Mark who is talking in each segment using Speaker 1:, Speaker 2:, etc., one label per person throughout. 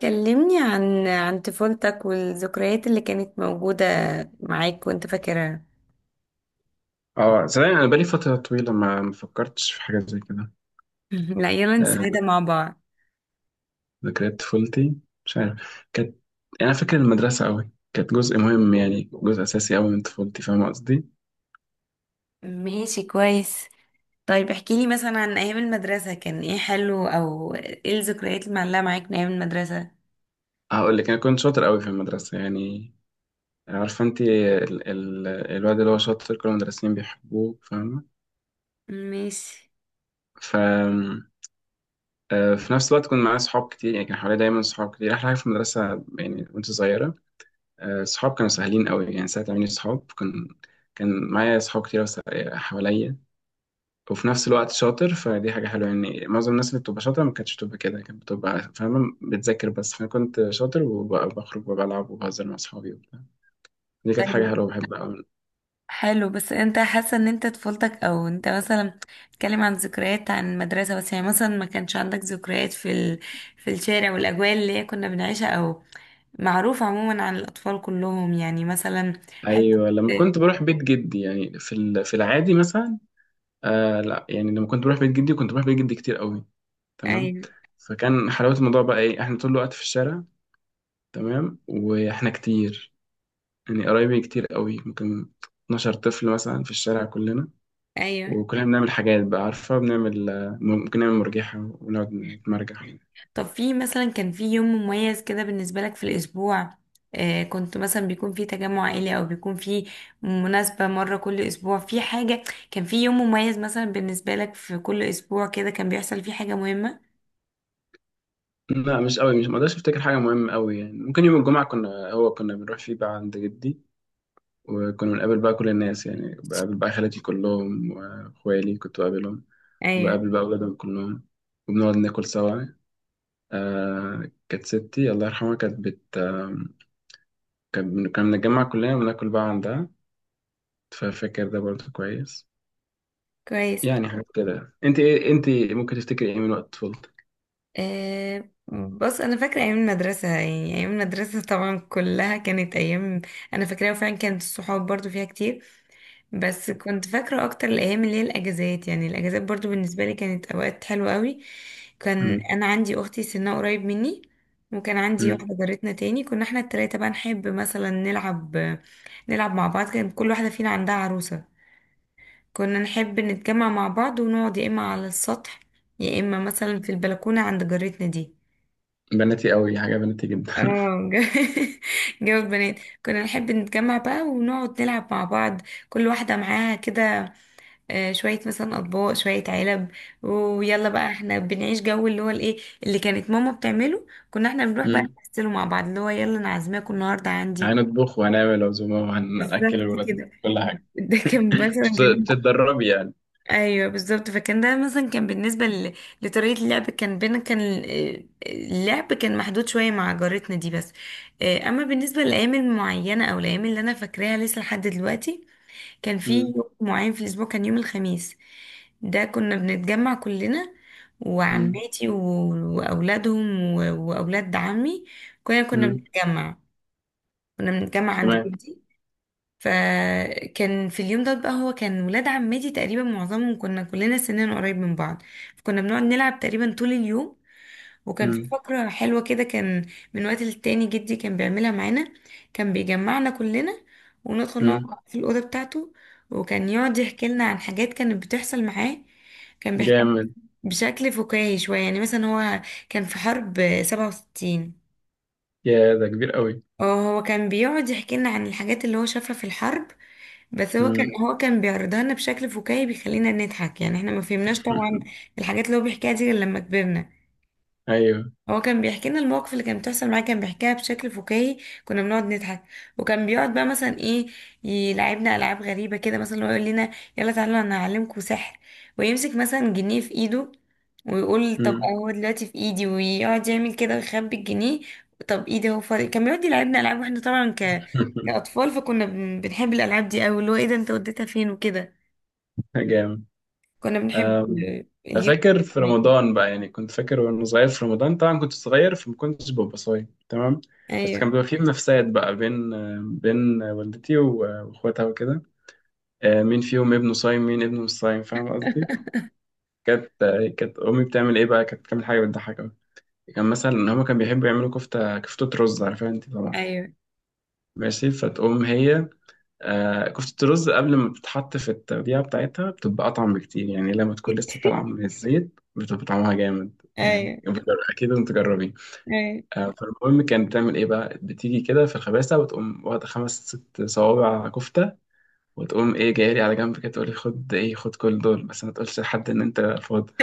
Speaker 1: كلمني عن طفولتك والذكريات اللي كانت موجودة معاك وانت فاكرها.
Speaker 2: اه، صدقني انا بقالي فتره طويله ما فكرتش في حاجه زي كده.
Speaker 1: لا، يلا
Speaker 2: آه،
Speaker 1: نسعدها مع بعض.
Speaker 2: ذكريات طفولتي، مش عارف كانت، يعني انا فاكر المدرسه قوي، كانت جزء مهم يعني، جزء اساسي قوي من طفولتي، فاهم قصدي؟
Speaker 1: ماشي، كويس. طيب احكي لي مثلا عن ايام المدرسة، كان ايه حلو او ايه الذكريات اللي معلقة معاك من ايام المدرسة؟
Speaker 2: هقول لك، انا كنت شاطر قوي في المدرسه يعني، عارفه انت، الواد اللي هو شاطر كل المدرسين بيحبوه، فاهمه؟
Speaker 1: ماشي.
Speaker 2: ف آه، في نفس الوقت كنت معايا صحاب كتير، يعني كان حوالي دايما صحاب كتير، احلى حاجه في المدرسه يعني وانت صغيره. صحاب كانوا سهلين قوي يعني، ساعة ما عملي صحاب كان، كان معايا صحاب كتير حواليا. وفي نفس الوقت شاطر، فدي حاجة حلوة. يعني معظم الناس اللي بتبقى شاطرة ما كانتش بتبقى كده، كانت بتبقى فاهمة بتذاكر بس، فأنا كنت شاطر وبخرج وبلعب وبهزر مع صحابي وبتاع. دي كانت حاجة حلوة بحبها أوي.
Speaker 1: حلو، بس انت حاسه ان انت طفولتك او انت مثلا بتتكلم عن ذكريات عن المدرسه بس؟ يعني مثلا ما كانش عندك ذكريات في في الشارع والاجواء اللي هي كنا بنعيشها، او معروف عموما عن الاطفال كلهم، يعني مثلا. حته.
Speaker 2: أيوة، لما كنت بروح بيت جدي يعني، في العادي مثلا. آه لا، يعني لما كنت بروح بيت جدي، كنت بروح بيت جدي كتير قوي. تمام.
Speaker 1: ايوه،
Speaker 2: فكان حلاوة الموضوع بقى إيه؟ إحنا طول الوقت في الشارع، تمام، واحنا كتير يعني، قرايبي كتير قوي، ممكن 12 طفل مثلا في الشارع كلنا،
Speaker 1: ايوه.
Speaker 2: وكلنا بنعمل حاجات بقى، عارفة، بنعمل ممكن نعمل مرجحة ونقعد نتمرجح.
Speaker 1: طب في مثلا، كان في يوم مميز كده بالنسبه لك في الاسبوع؟ آه، كنت مثلا بيكون في تجمع عائلي، او بيكون في مناسبه مره كل اسبوع، في حاجه كان في يوم مميز مثلا بالنسبه لك في كل اسبوع كده كان بيحصل فيه حاجه مهمه؟
Speaker 2: لا، مش قوي، مش مقدرش افتكر حاجة مهمة قوي يعني. ممكن يوم الجمعة كنا بنروح فيه بقى عند جدي، وكنا بنقابل بقى كل الناس، يعني بقابل بقى خالاتي كلهم، واخوالي كنت بقابلهم،
Speaker 1: ايوه.
Speaker 2: وبقابل بقى أولادهم كلهم، وبنقعد ناكل سوا. كانت ستي الله يرحمها، كانت بت آه كانت بن- كنا بنتجمع كلنا وناكل بقى عندها، ففاكر ده برضه كويس.
Speaker 1: كويس.
Speaker 2: يعني حاجات كده. انت ممكن تفتكري ايه من وقت طفولتك؟
Speaker 1: أه، بص، انا فاكره ايام المدرسه، يعني ايام المدرسه طبعا كلها كانت ايام انا فاكراها، وفعلا كانت الصحاب برضو فيها كتير، بس كنت فاكره اكتر الايام اللي هي الاجازات. يعني الاجازات برضو بالنسبه لي كانت اوقات حلوه قوي. كان
Speaker 2: مم.
Speaker 1: انا عندي اختي سنها قريب مني، وكان عندي
Speaker 2: مم.
Speaker 1: واحده جارتنا تاني، كنا احنا التلاته بقى نحب مثلا نلعب مع بعض، كان كل واحده فينا عندها عروسه. كنا نحب نتجمع مع بعض ونقعد يا إما على السطح، يا إما مثلا في البلكونة عند جارتنا دي.
Speaker 2: بناتي قوي، حاجه بناتي جدا.
Speaker 1: اه، جو. جو البنات. كنا نحب نتجمع بقى ونقعد نلعب مع بعض، كل واحدة معاها كده شوية مثلا أطباق، شوية علب، ويلا بقى احنا بنعيش جو اللي هو الايه اللي كانت ماما بتعمله. كنا احنا بنروح بقى
Speaker 2: مم.
Speaker 1: نمثله مع بعض، اللي هو يلا انا عازماكم النهارده عندي.
Speaker 2: يعني هنطبخ وهنعمل عزومه وهنأكل
Speaker 1: بالظبط
Speaker 2: الولاد،
Speaker 1: كده.
Speaker 2: كل حاجه.
Speaker 1: ده كان مثلا
Speaker 2: بت-
Speaker 1: بالنسبة.
Speaker 2: بتتدربي يعني.
Speaker 1: ايوه، بالظبط، فكان ده مثلا كان بالنسبه لطريقه اللعب، كان بينا كان اللعب كان محدود شويه مع جارتنا دي بس. اما بالنسبه للايام المعينه او الايام اللي انا فاكراها لسه لحد دلوقتي، كان في
Speaker 2: مم.
Speaker 1: يوم معين في الاسبوع، كان يوم الخميس. ده كنا بنتجمع كلنا،
Speaker 2: مم.
Speaker 1: وعماتي واولادهم واولاد عمي. كنا
Speaker 2: مم.
Speaker 1: بنتجمع. كنا بنتجمع عند
Speaker 2: تمام.
Speaker 1: جدي. فكان في اليوم ده بقى، هو كان ولاد عمتي تقريبا معظمهم كنا كلنا سننا قريب من بعض، فكنا بنقعد نلعب تقريبا طول اليوم. وكان في
Speaker 2: مم.
Speaker 1: فقرة حلوة كده، كان من وقت للتاني جدي كان بيعملها معانا. كان بيجمعنا كلنا وندخل
Speaker 2: مم.
Speaker 1: نقعد في الأوضة بتاعته، وكان يقعد يحكي لنا عن حاجات كانت بتحصل معاه. كان بيحكي لنا
Speaker 2: جامد.
Speaker 1: بشكل فكاهي شوية. يعني مثلا هو كان في حرب 67.
Speaker 2: يا، ده كبير قوي.
Speaker 1: اه، هو كان بيقعد يحكي لنا عن الحاجات اللي هو شافها في الحرب، بس هو كان
Speaker 2: مم.
Speaker 1: هو كان بيعرضها لنا بشكل فكاهي، بيخلينا نضحك. يعني احنا ما فهمناش طبعا الحاجات اللي هو بيحكيها دي غير لما كبرنا.
Speaker 2: ايوه.
Speaker 1: هو كان بيحكي لنا المواقف اللي كانت بتحصل معاه، كان بيحكيها بشكل فكاهي، كنا بنقعد نضحك. وكان بيقعد بقى مثلا ايه، يلعبنا العاب غريبه كده. مثلا هو يقول لنا يلا تعالوا انا هعلمكم سحر، ويمسك مثلا جنيه في ايده، ويقول طب
Speaker 2: مم.
Speaker 1: هو دلوقتي في ايدي، ويقعد يعمل كده ويخبي الجنيه. طب ايدي هو فاضي. كان بيقعد يلعبنا العاب، واحنا طبعا كاطفال فكنا بنحب الالعاب دي قوي، اللي هو ايه ده، انت وديتها فين، وكده. كنا بنحب
Speaker 2: جامد.
Speaker 1: اليوم
Speaker 2: فاكر في
Speaker 1: ده.
Speaker 2: رمضان بقى يعني، كنت فاكر وانا صغير في رمضان، طبعا كنت صغير فما كنتش ببقى صايم، تمام. بس كان
Speaker 1: ايوه.
Speaker 2: بيبقى فيه منافسات بقى بين والدتي واخواتها وكده، مين فيهم ابنه صايم، مين ابنه مش صايم، فاهم قصدي؟ كانت كانت امي بتعمل ايه بقى، كانت بتعمل حاجه بتضحك قوي. كان مثلا ان هما كانوا بيحبوا يعملوا كفته رز، عارفها انت طبعا.
Speaker 1: ايوه.
Speaker 2: ماشي. فتقوم هي، كفتة الرز قبل ما بتتحط في التوديعة بتاعتها بتبقى أطعم بكتير، يعني لما تكون لسه طالعة من الزيت بتبقى طعمها جامد يعني،
Speaker 1: ايوه.
Speaker 2: أكيد لازم تجربيه.
Speaker 1: ايوه.
Speaker 2: فالمهم، كانت بتعمل إيه بقى، بتيجي كده في الخباسة وتقوم واخدة خمس ست صوابع كفتة، وتقوم إيه جاية لي على جنب كده تقولي خد كل دول، بس ما تقولش لحد إن أنت فاضي.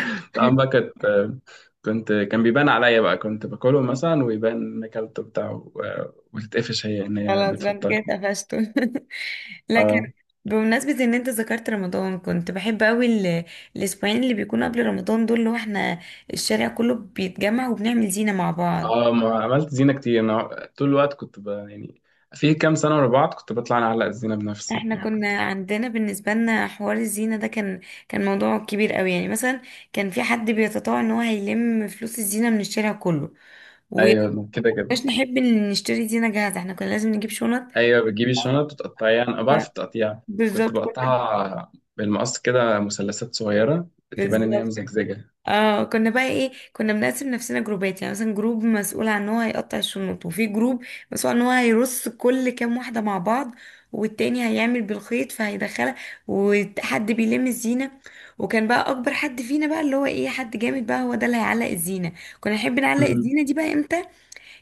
Speaker 2: طبعا بقى، كان بيبان عليا بقى، كنت باكله مثلا ويبان إن أكلته بتاعه، وتتقفش هي إن هي
Speaker 1: خلاص بقى انت
Speaker 2: بتفطر.
Speaker 1: كده قفشته. لكن بمناسبة ان انت ذكرت رمضان، كنت بحب قوي الاسبوعين اللي بيكونوا قبل رمضان دول، اللي هو احنا الشارع كله بيتجمع وبنعمل زينة مع بعض.
Speaker 2: اه، ما عملت زينة كتير، انا طول الوقت يعني في كام سنة ورا بعض كنت بطلع انا اعلق الزينة بنفسي
Speaker 1: احنا
Speaker 2: يعني، كنت.
Speaker 1: كنا عندنا بالنسبة لنا حوار الزينة ده كان كان موضوع كبير قوي، يعني مثلا كان في حد بيتطوع ان هو هيلم فلوس الزينة من الشارع كله، وما
Speaker 2: ايوه، كده كده.
Speaker 1: كناش نحب ان نشتري زينة جاهزة، احنا كنا لازم نجيب شنط.
Speaker 2: ايوه، بتجيبي الشنط وتقطعيها، انا
Speaker 1: ف-
Speaker 2: بعرف التقطيع، كنت
Speaker 1: بالظبط، كنا
Speaker 2: بقطعها بالمقص، كده مثلثات صغيرة، تبان ان هي
Speaker 1: بالظبط.
Speaker 2: مزجزجة.
Speaker 1: اه، كنا بقى ايه، كنا بنقسم نفسنا جروبات، يعني مثلا جروب مسؤول عن ان هو هيقطع الشنط، وفي جروب مسؤول عن ان هو هيرص كل كام واحده مع بعض، والتاني هيعمل بالخيط فهيدخلها، وحد بيلم الزينه. وكان بقى اكبر حد فينا بقى اللي هو ايه، حد جامد بقى، هو ده اللي هيعلق الزينه. كنا نحب نعلق
Speaker 2: مم.
Speaker 1: الزينه دي بقى امتى؟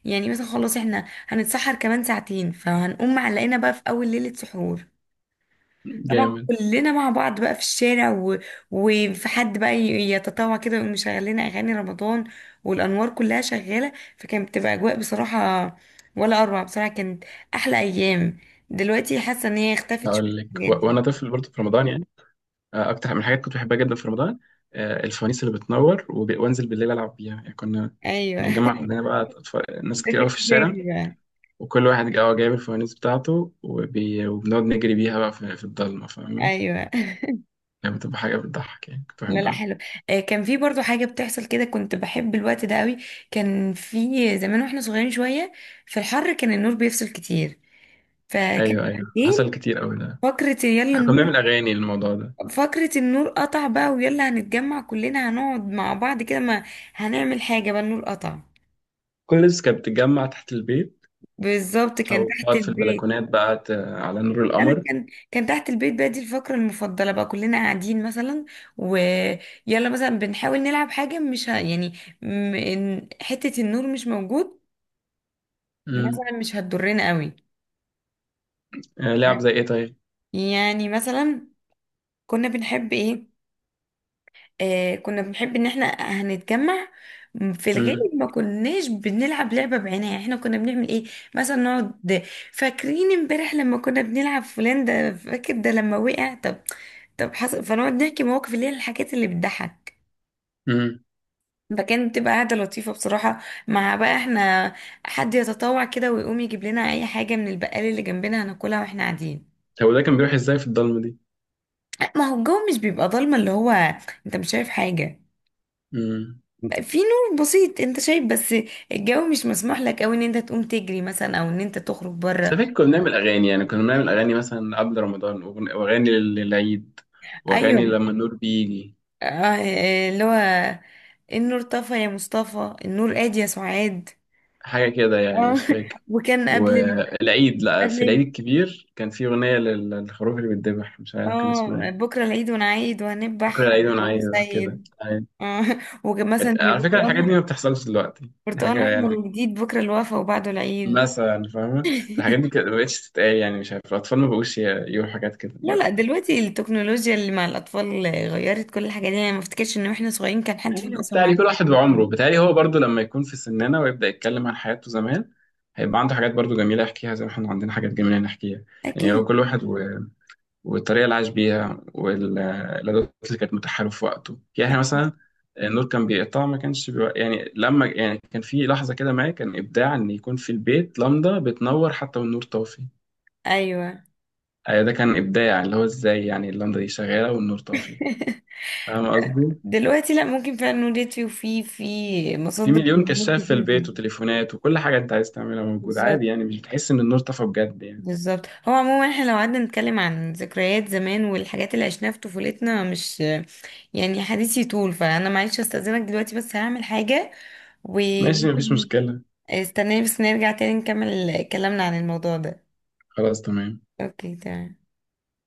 Speaker 1: يعني مثلا خلاص احنا هنتسحر كمان ساعتين، فهنقوم معلقينها بقى في اول ليله سحور. طبعا
Speaker 2: جامد.
Speaker 1: كلنا مع بعض بقى في الشارع وفي حد بقى يتطوع كده ويقوم مشغل لنا اغاني رمضان، والانوار كلها شغاله، فكانت بتبقى اجواء بصراحه ولا اروع. بصراحه كانت احلى ايام. دلوقتي حاسه ان هي اختفت شويه
Speaker 2: هقول لك.
Speaker 1: الحاجات
Speaker 2: وانا
Speaker 1: دي.
Speaker 2: طفل برضه في رمضان يعني، اكتر من الحاجات كنت بحبها جدا في رمضان، الفوانيس اللي بتنور، وانزل بالليل العب بيها يعني، كنا
Speaker 1: ايوه.
Speaker 2: بنتجمع كلنا بقى، ناس كتير قوي
Speaker 1: ازيك
Speaker 2: في الشارع،
Speaker 1: بقى؟
Speaker 2: وكل واحد جايب الفوانيس بتاعته، وبنقعد نجري بيها بقى في الضلمة، فاهمة؟
Speaker 1: ايوه.
Speaker 2: كانت بتبقى حاجة بتضحك يعني، كنت
Speaker 1: لا، لا،
Speaker 2: بحبها.
Speaker 1: حلو. كان في برضو حاجه بتحصل كده كنت بحب الوقت ده قوي. كان في زمان، واحنا صغيرين شويه، في الحر كان النور بيفصل كتير، فكان
Speaker 2: أيوه، أيوه، حصل
Speaker 1: بالليل
Speaker 2: كتير أوي ده،
Speaker 1: فقرة يلا
Speaker 2: كنا
Speaker 1: النور.
Speaker 2: بنعمل أغاني للموضوع ده.
Speaker 1: فكرة النور قطع بقى، ويلا هنتجمع كلنا، هنقعد مع بعض كده، ما هنعمل حاجة بقى، النور قطع.
Speaker 2: كل الناس كانت بتتجمع تحت البيت،
Speaker 1: بالظبط، كان
Speaker 2: أو
Speaker 1: تحت
Speaker 2: تقعد في
Speaker 1: البيت.
Speaker 2: البلكونات بقى على نور
Speaker 1: انا
Speaker 2: القمر.
Speaker 1: كان كان تحت البيت بقى، دي الفقرة المفضلة بقى، كلنا قاعدين مثلا، ويلا مثلا بنحاول نلعب حاجة مش يعني إن حتة النور مش موجود
Speaker 2: امم.
Speaker 1: مثلا مش هتضرنا قوي.
Speaker 2: لعب زي إيه طيب؟
Speaker 1: يعني مثلا كنا بنحب ايه، آه كنا بنحب ان احنا هنتجمع. في
Speaker 2: امم.
Speaker 1: الغالب ما كناش بنلعب لعبة بعينها، احنا كنا بنعمل ايه، مثلا نقعد، فاكرين امبارح لما كنا بنلعب فلان ده، فاكر ده لما وقع؟ طب طب حصل. فنقعد نحكي مواقف، اللي هي الحاجات اللي بتضحك.
Speaker 2: امم.
Speaker 1: فكانت بتبقى قاعدة لطيفة بصراحة. مع بقى احنا حد يتطوع كده ويقوم يجيب لنا اي حاجة من البقال اللي جنبنا، هناكلها واحنا قاعدين.
Speaker 2: هو ده كان بيروح إزاي في الضلمة دي؟
Speaker 1: ما هو الجو مش بيبقى ضلمة اللي هو انت مش شايف حاجة،
Speaker 2: امم.
Speaker 1: في نور بسيط انت شايف، بس الجو مش مسموح لك او ان انت تقوم تجري مثلا او ان انت تخرج
Speaker 2: بس
Speaker 1: بره.
Speaker 2: فاكر كنا بنعمل أغاني، يعني كنا بنعمل أغاني مثلا قبل رمضان، وأغاني للعيد، وأغاني
Speaker 1: ايوه.
Speaker 2: لما النور بيجي،
Speaker 1: آه، اللي هو النور طفى يا مصطفى، النور قاد يا سعاد.
Speaker 2: حاجة كده يعني،
Speaker 1: اه.
Speaker 2: مش فاكر.
Speaker 1: وكان قبل ال-
Speaker 2: والعيد، لا، في
Speaker 1: قبل
Speaker 2: العيد
Speaker 1: ال-
Speaker 2: الكبير كان في أغنية للخروف اللي بيتذبح، مش عارف كان
Speaker 1: اه
Speaker 2: اسمها ايه.
Speaker 1: بكره العيد ونعيد
Speaker 2: بكرة
Speaker 1: وهنذبح
Speaker 2: العيد وأنا
Speaker 1: هنقول
Speaker 2: عايز، كده
Speaker 1: سيد.
Speaker 2: يعني.
Speaker 1: اه. وكان مثلا
Speaker 2: كانت،
Speaker 1: يا
Speaker 2: على فكرة، الحاجات دي
Speaker 1: برتقال،
Speaker 2: ما بتحصلش دلوقتي، دي
Speaker 1: برتقال
Speaker 2: حاجة يعني
Speaker 1: احمر وجديد، بكره الوفا وبعده العيد.
Speaker 2: مثلا، فاهمة؟ فالحاجات دي كانت ما بقتش تتقال، يعني مش عارف الأطفال ما بقوش يقولوا حاجات كده
Speaker 1: لا، لا، دلوقتي التكنولوجيا اللي مع الأطفال غيرت كل الحاجات دي، يعني ما افتكرش إن واحنا صغيرين كان حد
Speaker 2: يعني
Speaker 1: فينا أصلا
Speaker 2: بتهيألي كل
Speaker 1: معانا
Speaker 2: واحد وعمره،
Speaker 1: تليفون.
Speaker 2: بتهيألي هو برضو لما يكون في سننا ويبدأ يتكلم عن حياته زمان، هيبقى عنده حاجات برضو جميلة يحكيها، زي ما احنا عندنا حاجات جميلة نحكيها. يعني هو كل
Speaker 1: أكيد.
Speaker 2: واحد والطريقه اللي عاش بيها والادوات اللي كانت متاحه له في وقته، يعني احنا
Speaker 1: أكيد.
Speaker 2: مثلا، النور كان بيقطع، ما كانش يعني، لما يعني كان في لحظه كده، ما كان ابداع ان يكون في البيت لمبه بتنور حتى والنور طافي.
Speaker 1: أيوه.
Speaker 2: ده كان ابداع، اللي هو ازاي يعني اللمبه دي شغاله والنور طافي، فاهم قصدي؟
Speaker 1: دلوقتي لا، ممكن فعلا نولد فيه، وفي
Speaker 2: في
Speaker 1: مصادر
Speaker 2: مليون
Speaker 1: معلومات
Speaker 2: كشاف في
Speaker 1: كتير جدا.
Speaker 2: البيت وتليفونات، وكل حاجه انت عايز تعملها موجوده
Speaker 1: بالظبط.
Speaker 2: عادي، يعني مش بتحس ان النور طفى بجد يعني.
Speaker 1: بالظبط، هو عموما احنا لو قعدنا نتكلم عن ذكريات زمان والحاجات اللي عشناها في طفولتنا مش يعني حديثي طول، فأنا معلش أستأذنك دلوقتي بس هعمل حاجة،
Speaker 2: ماشي، مفيش
Speaker 1: وممكن
Speaker 2: مشكله.
Speaker 1: استناني بس نرجع تاني نكمل كلامنا عن الموضوع ده.
Speaker 2: خلاص، تمام.
Speaker 1: اوكي، تمام.